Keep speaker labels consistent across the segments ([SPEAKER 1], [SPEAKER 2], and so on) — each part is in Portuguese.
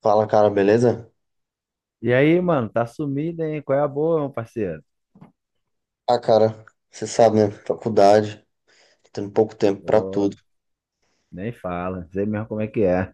[SPEAKER 1] Fala, cara, beleza?
[SPEAKER 2] E aí, mano, tá sumido, hein? Qual é a boa, meu parceiro?
[SPEAKER 1] Ah, cara, você sabe, né? Faculdade, tendo pouco tempo pra
[SPEAKER 2] Pô,
[SPEAKER 1] tudo.
[SPEAKER 2] nem fala, não sei mesmo como é que é.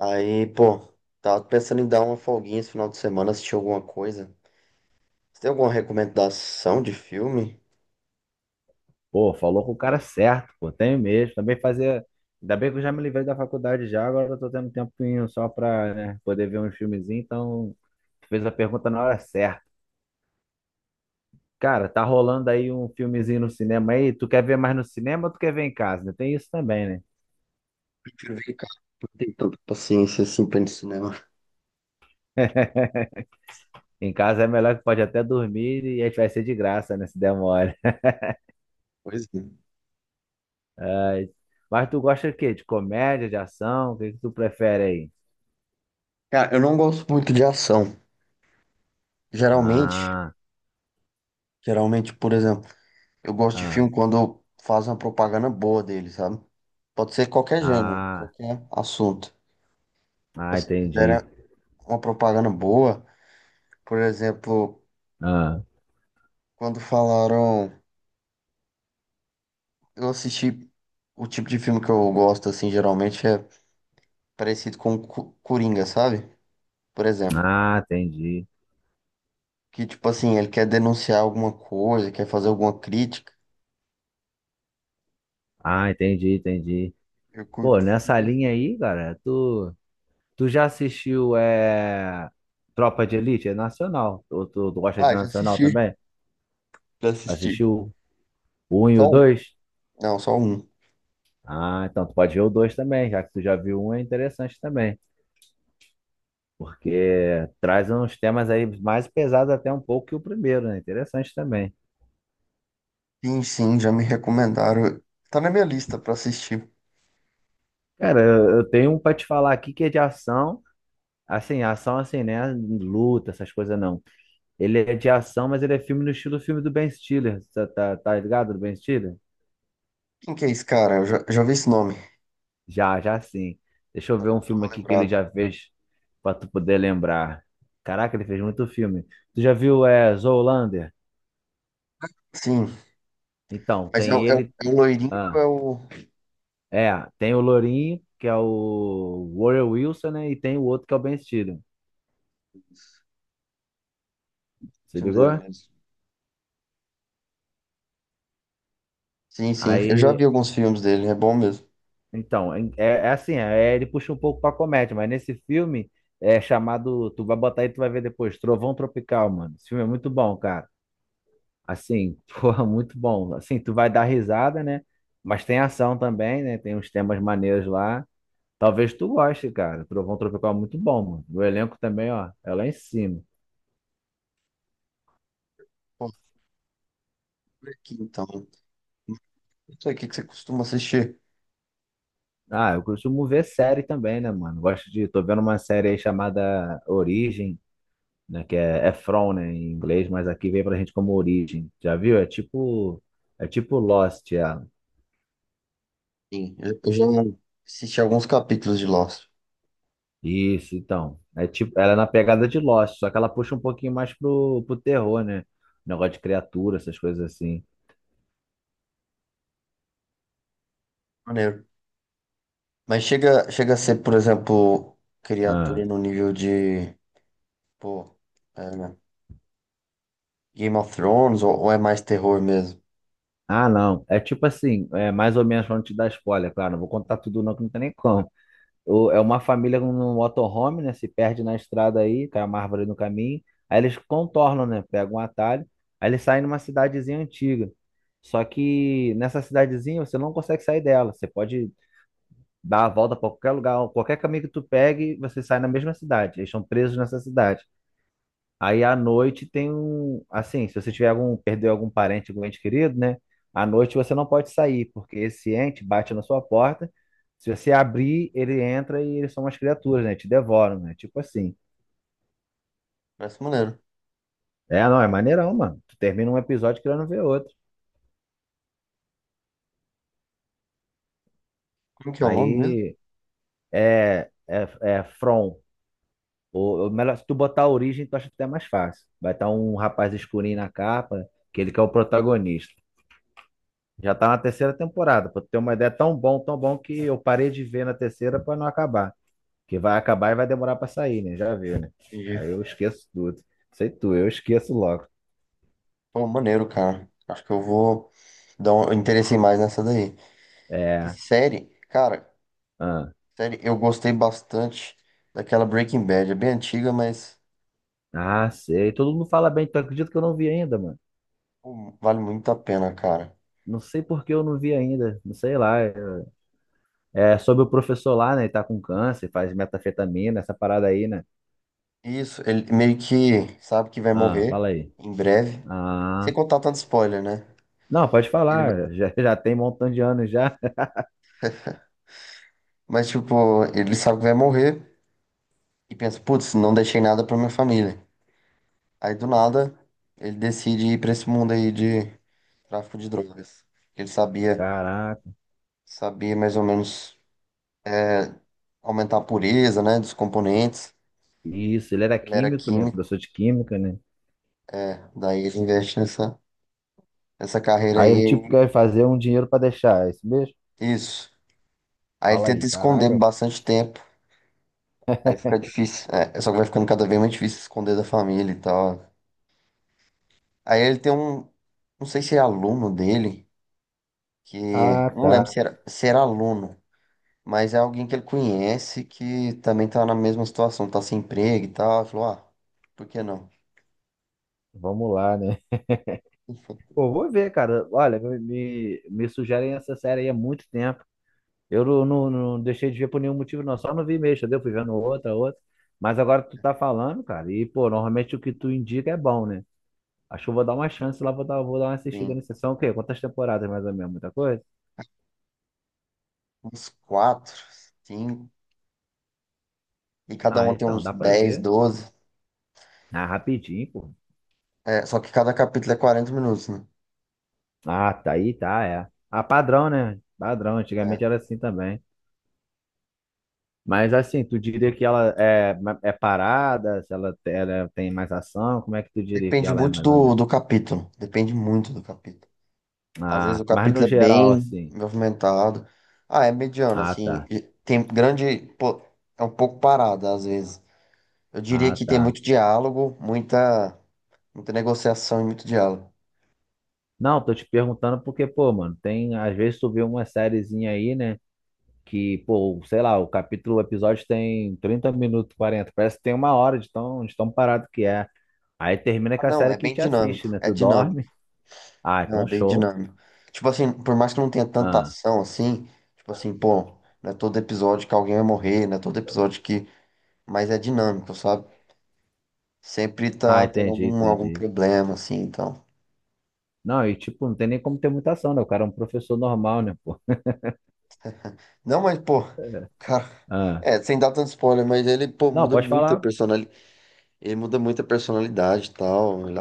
[SPEAKER 1] Aí, pô, tava pensando em dar uma folguinha esse final de semana, assistir alguma coisa. Você tem alguma recomendação de filme?
[SPEAKER 2] Pô, falou com o cara certo, pô, tenho mesmo. Também fazer. Ainda bem que eu já me livrei da faculdade já, agora eu tô tendo um tempinho só pra, né, poder ver um filmezinho, então fez a pergunta na hora certa. Cara, tá rolando aí um filmezinho no cinema aí, tu quer ver mais no cinema ou tu quer ver em casa? Né? Tem isso também, né?
[SPEAKER 1] Prefiro ver em casa, não tenho tanta paciência assim pra ir no cinema.
[SPEAKER 2] Em casa é melhor que pode até dormir e a gente vai ser de graça, né, se der mole.
[SPEAKER 1] Pois é.
[SPEAKER 2] É, mas tu gosta de quê? De comédia, de ação? O que que tu prefere aí?
[SPEAKER 1] Cara, eu não gosto muito de ação. Geralmente,
[SPEAKER 2] Ah,
[SPEAKER 1] geralmente, por exemplo, eu gosto de
[SPEAKER 2] ah,
[SPEAKER 1] filme quando faz uma propaganda boa dele, sabe? Pode ser qualquer gênero,
[SPEAKER 2] ah,
[SPEAKER 1] qualquer assunto.
[SPEAKER 2] ah,
[SPEAKER 1] Mas se
[SPEAKER 2] entendi.
[SPEAKER 1] fizer uma propaganda boa. Por exemplo,
[SPEAKER 2] Ah,
[SPEAKER 1] quando falaram, eu assisti o tipo de filme que eu gosto, assim, geralmente é parecido com Coringa, sabe? Por exemplo,
[SPEAKER 2] ah, entendi.
[SPEAKER 1] que tipo assim, ele quer denunciar alguma coisa, quer fazer alguma crítica.
[SPEAKER 2] Ah, entendi, entendi.
[SPEAKER 1] Eu
[SPEAKER 2] Pô,
[SPEAKER 1] curto
[SPEAKER 2] nessa
[SPEAKER 1] filme
[SPEAKER 2] linha
[SPEAKER 1] assim.
[SPEAKER 2] aí, cara, tu já assistiu Tropa de Elite? É nacional. Tu gosta de
[SPEAKER 1] Ah, já
[SPEAKER 2] nacional
[SPEAKER 1] assisti,
[SPEAKER 2] também?
[SPEAKER 1] já assisti.
[SPEAKER 2] Assistiu o 1 e
[SPEAKER 1] Só
[SPEAKER 2] o
[SPEAKER 1] um.
[SPEAKER 2] 2?
[SPEAKER 1] Não, só um.
[SPEAKER 2] Ah, então tu pode ver o dois também, já que tu já viu um, é interessante também. Porque traz uns temas aí mais pesados até um pouco que o primeiro, né? Interessante também.
[SPEAKER 1] Sim, sim, já me recomendaram. Tá na minha lista pra assistir.
[SPEAKER 2] Cara, eu tenho um pra te falar aqui que é de ação assim, né? Luta, essas coisas não. Ele é de ação, mas ele é filme no estilo filme do Ben Stiller. Tá ligado do Ben Stiller?
[SPEAKER 1] Quem que é esse cara? Eu já vi esse nome.
[SPEAKER 2] Já, já sim. Deixa eu ver um
[SPEAKER 1] Não
[SPEAKER 2] filme
[SPEAKER 1] tô
[SPEAKER 2] aqui que ele
[SPEAKER 1] lembrado.
[SPEAKER 2] já fez pra tu poder lembrar. Caraca, ele fez muito filme. Tu já viu Zoolander?
[SPEAKER 1] Sim,
[SPEAKER 2] Então,
[SPEAKER 1] mas
[SPEAKER 2] tem ele.
[SPEAKER 1] é o loirinho ou
[SPEAKER 2] Ah,
[SPEAKER 1] o
[SPEAKER 2] é, tem o Lourinho, que é o Warren Wilson, né? E tem o outro que é o Ben Stiller. Se
[SPEAKER 1] filme dele
[SPEAKER 2] ligou?
[SPEAKER 1] mesmo? Sim, sim. Eu já
[SPEAKER 2] Aí,
[SPEAKER 1] vi alguns filmes dele, é bom mesmo.
[SPEAKER 2] então, é assim, ele puxa um pouco pra comédia, mas nesse filme é chamado. Tu vai botar aí, tu vai ver depois, Trovão Tropical, mano. Esse filme é muito bom, cara. Assim, porra, muito bom. Assim, tu vai dar risada, né? Mas tem ação também, né? Tem uns temas maneiros lá. Talvez tu goste, cara. Trovão Tropical é muito bom, mano. O elenco também, ó, é lá em cima.
[SPEAKER 1] Pô, por aqui então. Não sei o que que você costuma assistir.
[SPEAKER 2] Ah, eu costumo ver série também, né, mano? Gosto de. Tô vendo uma série aí chamada Origem, né? Que é From, né, em inglês, mas aqui vem pra gente como Origem. Já viu? É tipo Lost, ela.
[SPEAKER 1] Sim, eu já assisti alguns capítulos de Lost.
[SPEAKER 2] Isso, então. É tipo, ela é na pegada de Lost, só que ela puxa um pouquinho mais pro terror, né? Negócio de criatura, essas coisas assim.
[SPEAKER 1] Maneiro. Mas chega a ser, por exemplo,
[SPEAKER 2] Ah,
[SPEAKER 1] criatura no nível de, pô, é, né, Game of Thrones ou é mais terror mesmo?
[SPEAKER 2] ah, não. É tipo assim, é mais ou menos pra não te dar spoiler, claro. Não vou contar tudo, não, que não tem nem como. É uma família no motorhome, né? Se perde na estrada aí, cai uma árvore no caminho. Aí eles contornam, né? Pegam um atalho. Aí eles saem numa cidadezinha antiga. Só que nessa cidadezinha você não consegue sair dela. Você pode dar a volta para qualquer lugar, qualquer caminho que tu pegue, você sai na mesma cidade. Eles estão presos nessa cidade. Aí à noite tem um, assim, se você tiver algum, perdeu algum parente, algum ente querido, né? À noite você não pode sair, porque esse ente bate na sua porta. Se você abrir, ele entra e eles são umas criaturas, né? Te devoram, né? Tipo assim.
[SPEAKER 1] Parece maneiro.
[SPEAKER 2] É, não, é maneirão, mano. Tu termina um episódio querendo ver outro.
[SPEAKER 1] Como que é o nome mesmo?
[SPEAKER 2] Aí é From. Ou melhor, se tu botar a origem, tu acha até mais fácil. Vai estar um rapaz escurinho na capa, que ele que é o protagonista. Já tá na terceira temporada, pra tu ter uma ideia, é tão bom que eu parei de ver na terceira pra não acabar. Porque vai acabar e vai demorar pra sair, né? Já viu, né?
[SPEAKER 1] Entendi.
[SPEAKER 2] Aí eu esqueço tudo. Sei tu, eu esqueço logo.
[SPEAKER 1] Pô, maneiro, cara. Acho que eu vou dar um eu interessei mais nessa daí. E
[SPEAKER 2] É.
[SPEAKER 1] série, cara,
[SPEAKER 2] Ah,
[SPEAKER 1] série, eu gostei bastante daquela Breaking Bad. É bem antiga, mas
[SPEAKER 2] ah, sei. Todo mundo fala bem, tu acredita que eu não vi ainda, mano?
[SPEAKER 1] pô, vale muito a pena, cara.
[SPEAKER 2] Não sei por que eu não vi ainda. Não sei lá. É sobre o professor lá, né? Ele tá com câncer, faz metafetamina, essa parada aí, né?
[SPEAKER 1] Isso, ele meio que sabe que vai
[SPEAKER 2] Ah,
[SPEAKER 1] morrer
[SPEAKER 2] fala aí.
[SPEAKER 1] em breve. Sem
[SPEAKER 2] Ah.
[SPEAKER 1] contar tanto spoiler, né?
[SPEAKER 2] Não, pode
[SPEAKER 1] Ele vai-
[SPEAKER 2] falar. Já tem um montão de anos já.
[SPEAKER 1] mas, tipo, ele sabe que vai morrer e pensa, putz, não deixei nada pra minha família. Aí, do nada, ele decide ir pra esse mundo aí de tráfico de drogas. Ele sabia,
[SPEAKER 2] Caraca.
[SPEAKER 1] sabia mais ou menos aumentar a pureza, né, dos componentes.
[SPEAKER 2] Isso, ele era
[SPEAKER 1] Ele era
[SPEAKER 2] químico, né?
[SPEAKER 1] química,
[SPEAKER 2] Professor de química, né?
[SPEAKER 1] daí ele investe nessa. Essa carreira
[SPEAKER 2] Aí ele tipo
[SPEAKER 1] aí,
[SPEAKER 2] quer fazer um dinheiro pra deixar, é isso mesmo?
[SPEAKER 1] isso. Aí ele
[SPEAKER 2] Fala
[SPEAKER 1] tenta
[SPEAKER 2] aí,
[SPEAKER 1] esconder
[SPEAKER 2] caraca.
[SPEAKER 1] bastante tempo. Aí fica difícil. É, só que vai ficando cada vez mais difícil esconder da família e tal. Aí ele tem um, não sei se é aluno dele, que
[SPEAKER 2] Ah,
[SPEAKER 1] não lembro
[SPEAKER 2] tá.
[SPEAKER 1] se era aluno, mas é alguém que ele conhece que também tá na mesma situação, tá sem emprego e tal. Ele falou, ah, por que não?
[SPEAKER 2] Vamos lá, né? Pô, vou ver, cara. Olha, me sugerem essa série aí há muito tempo. Eu não, não, não deixei de ver por nenhum motivo, não. Só não vi mesmo, entendeu? Fui vendo outra, outra. Mas agora tu tá falando, cara. E, pô, normalmente o que tu indica é bom, né? Acho que eu vou dar uma chance lá, vou dar uma assistida
[SPEAKER 1] Tem
[SPEAKER 2] nessa sessão. O quê? Quantas temporadas mais ou menos? Muita coisa?
[SPEAKER 1] uns quatro, cinco, e cada
[SPEAKER 2] Ah,
[SPEAKER 1] um tem
[SPEAKER 2] então,
[SPEAKER 1] uns
[SPEAKER 2] dá pra
[SPEAKER 1] dez
[SPEAKER 2] ver.
[SPEAKER 1] doze
[SPEAKER 2] Ah, rapidinho, pô.
[SPEAKER 1] É, só que cada capítulo é 40 minutos, né?
[SPEAKER 2] Ah, tá aí, tá, é. Ah, padrão, né? Padrão,
[SPEAKER 1] É,
[SPEAKER 2] antigamente era assim também. Mas assim, tu diria que ela é, é parada, se ela, ela tem mais ação, como é que tu diria que
[SPEAKER 1] depende
[SPEAKER 2] ela é
[SPEAKER 1] muito
[SPEAKER 2] mais ou
[SPEAKER 1] do,
[SPEAKER 2] menos?
[SPEAKER 1] do capítulo. Depende muito do capítulo. Às vezes o
[SPEAKER 2] Ah, mas no
[SPEAKER 1] capítulo é
[SPEAKER 2] geral,
[SPEAKER 1] bem
[SPEAKER 2] assim.
[SPEAKER 1] movimentado. Ah, é mediano,
[SPEAKER 2] Ah,
[SPEAKER 1] assim.
[SPEAKER 2] tá.
[SPEAKER 1] E Tem grande. Pô, é um pouco parado, às vezes. Eu diria
[SPEAKER 2] Ah,
[SPEAKER 1] que tem
[SPEAKER 2] tá.
[SPEAKER 1] muito diálogo, muita negociação e muito diálogo.
[SPEAKER 2] Não, tô te perguntando porque, pô, mano, tem, às vezes tu vê uma sériezinha aí, né? Que, pô, sei lá, o capítulo, o episódio tem 30 minutos, 40. Parece que tem 1 hora de tão parado que é. Aí termina
[SPEAKER 1] Ah,
[SPEAKER 2] com a
[SPEAKER 1] não,
[SPEAKER 2] série
[SPEAKER 1] é
[SPEAKER 2] que
[SPEAKER 1] bem
[SPEAKER 2] te
[SPEAKER 1] dinâmico.
[SPEAKER 2] assiste, né?
[SPEAKER 1] É
[SPEAKER 2] Tu
[SPEAKER 1] dinâmico.
[SPEAKER 2] dorme. Ah,
[SPEAKER 1] Não, é
[SPEAKER 2] então
[SPEAKER 1] bem
[SPEAKER 2] show.
[SPEAKER 1] dinâmico. Tipo assim, por mais que não tenha tanta
[SPEAKER 2] Ah.
[SPEAKER 1] ação assim, tipo assim, pô, não é todo episódio que alguém vai morrer, não é todo episódio que. Mas é dinâmico, sabe? Sempre
[SPEAKER 2] Ah,
[SPEAKER 1] tá tendo
[SPEAKER 2] entendi,
[SPEAKER 1] algum
[SPEAKER 2] entendi.
[SPEAKER 1] problema, assim, então.
[SPEAKER 2] Não, e tipo, não tem nem como ter muita ação, né? O cara é um professor normal, né, pô?
[SPEAKER 1] Não, mas, pô, o cara,
[SPEAKER 2] Ah,
[SPEAKER 1] é, sem dar tanto spoiler, mas ele, pô,
[SPEAKER 2] não,
[SPEAKER 1] muda
[SPEAKER 2] pode
[SPEAKER 1] muito a
[SPEAKER 2] falar.
[SPEAKER 1] personalidade. Ele muda muito a personalidade e tal.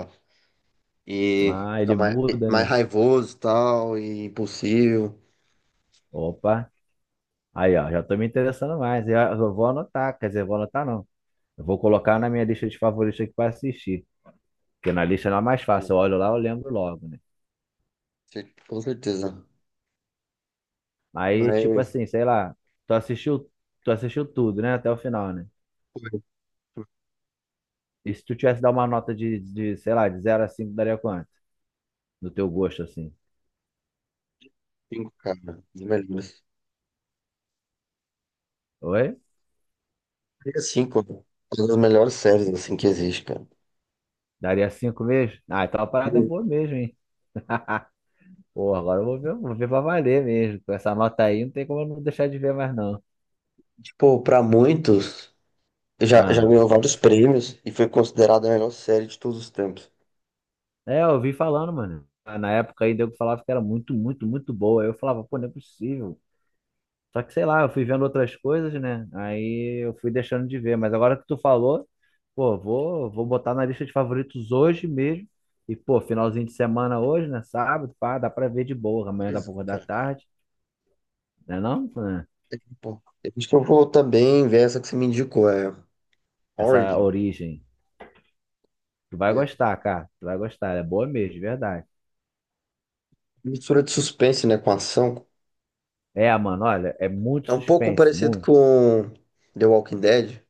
[SPEAKER 1] E
[SPEAKER 2] Ah, ele
[SPEAKER 1] fica mais,
[SPEAKER 2] muda,
[SPEAKER 1] mais
[SPEAKER 2] né?
[SPEAKER 1] raivoso e tal, e impulsivo.
[SPEAKER 2] Opa, aí ó, já tô me interessando mais. Eu vou anotar, quer dizer, eu vou anotar não. Eu vou colocar na minha lista de favoritos aqui pra assistir. Porque na lista não é mais
[SPEAKER 1] Pena,
[SPEAKER 2] fácil. Eu olho lá, eu lembro logo, né?
[SPEAKER 1] com certeza.
[SPEAKER 2] Aí, tipo
[SPEAKER 1] Mas,
[SPEAKER 2] assim, sei lá, tu assistiu, tu assistiu tudo, né? Até o final, né?
[SPEAKER 1] pô, é
[SPEAKER 2] E se tu tivesse dar uma nota sei lá, de zero a 5, daria quanto? Do teu gosto, assim.
[SPEAKER 1] cinco, cara, um dos melhores.
[SPEAKER 2] Oi?
[SPEAKER 1] É cinco, uma das melhores séries, assim, que existe, cara.
[SPEAKER 2] Daria cinco mesmo? Ah, então é uma parada é
[SPEAKER 1] E,
[SPEAKER 2] boa mesmo, hein? Pô, agora eu vou ver, pra valer mesmo. Com essa nota aí, não tem como eu não deixar de ver mais, não.
[SPEAKER 1] tipo, pra muitos, já
[SPEAKER 2] Ah,
[SPEAKER 1] ganhou vários prêmios e foi considerada a melhor série de todos os tempos.
[SPEAKER 2] é, eu vi falando, mano. Ah, na época aí, eu falava que era muito, muito, muito boa. Aí eu falava, pô, não é possível. Só que, sei lá, eu fui vendo outras coisas, né? Aí eu fui deixando de ver. Mas agora que tu falou, pô, vou botar na lista de favoritos hoje mesmo. E, pô, finalzinho de semana hoje, né? Sábado, pá, dá pra ver de boa. Amanhã dá
[SPEAKER 1] Pois
[SPEAKER 2] pra
[SPEAKER 1] é,
[SPEAKER 2] acordar
[SPEAKER 1] cara.
[SPEAKER 2] tarde, né não? Né?
[SPEAKER 1] É, pô, acho que eu vou também ver essa que você me indicou, é
[SPEAKER 2] Essa
[SPEAKER 1] Origin.
[SPEAKER 2] origem. Tu vai
[SPEAKER 1] É.
[SPEAKER 2] gostar, cara. Tu vai gostar. Ela é boa mesmo, de verdade.
[SPEAKER 1] Mistura de suspense, né, com ação.
[SPEAKER 2] É, mano, olha, é muito
[SPEAKER 1] É um pouco
[SPEAKER 2] suspense,
[SPEAKER 1] parecido
[SPEAKER 2] muito.
[SPEAKER 1] com The Walking Dead.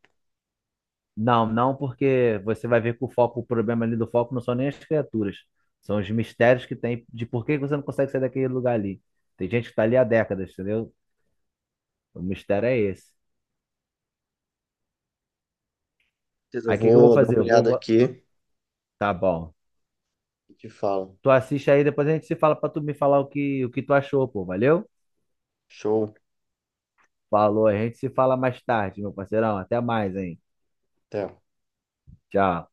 [SPEAKER 2] Não, não, porque você vai ver que o foco, o problema ali do foco não são nem as criaturas. São os mistérios que tem de por que você não consegue sair daquele lugar ali. Tem gente que tá ali há décadas, entendeu? O mistério é esse.
[SPEAKER 1] Beleza, eu
[SPEAKER 2] Aí o que que eu vou
[SPEAKER 1] vou dar
[SPEAKER 2] fazer?
[SPEAKER 1] uma
[SPEAKER 2] Eu vou.
[SPEAKER 1] olhada aqui
[SPEAKER 2] Tá bom.
[SPEAKER 1] e te falo.
[SPEAKER 2] Tu assiste aí, depois a gente se fala pra tu me falar o que tu achou, pô. Valeu?
[SPEAKER 1] Show.
[SPEAKER 2] Falou, a gente se fala mais tarde, meu parceirão. Até mais, hein?
[SPEAKER 1] Até.
[SPEAKER 2] Tchau.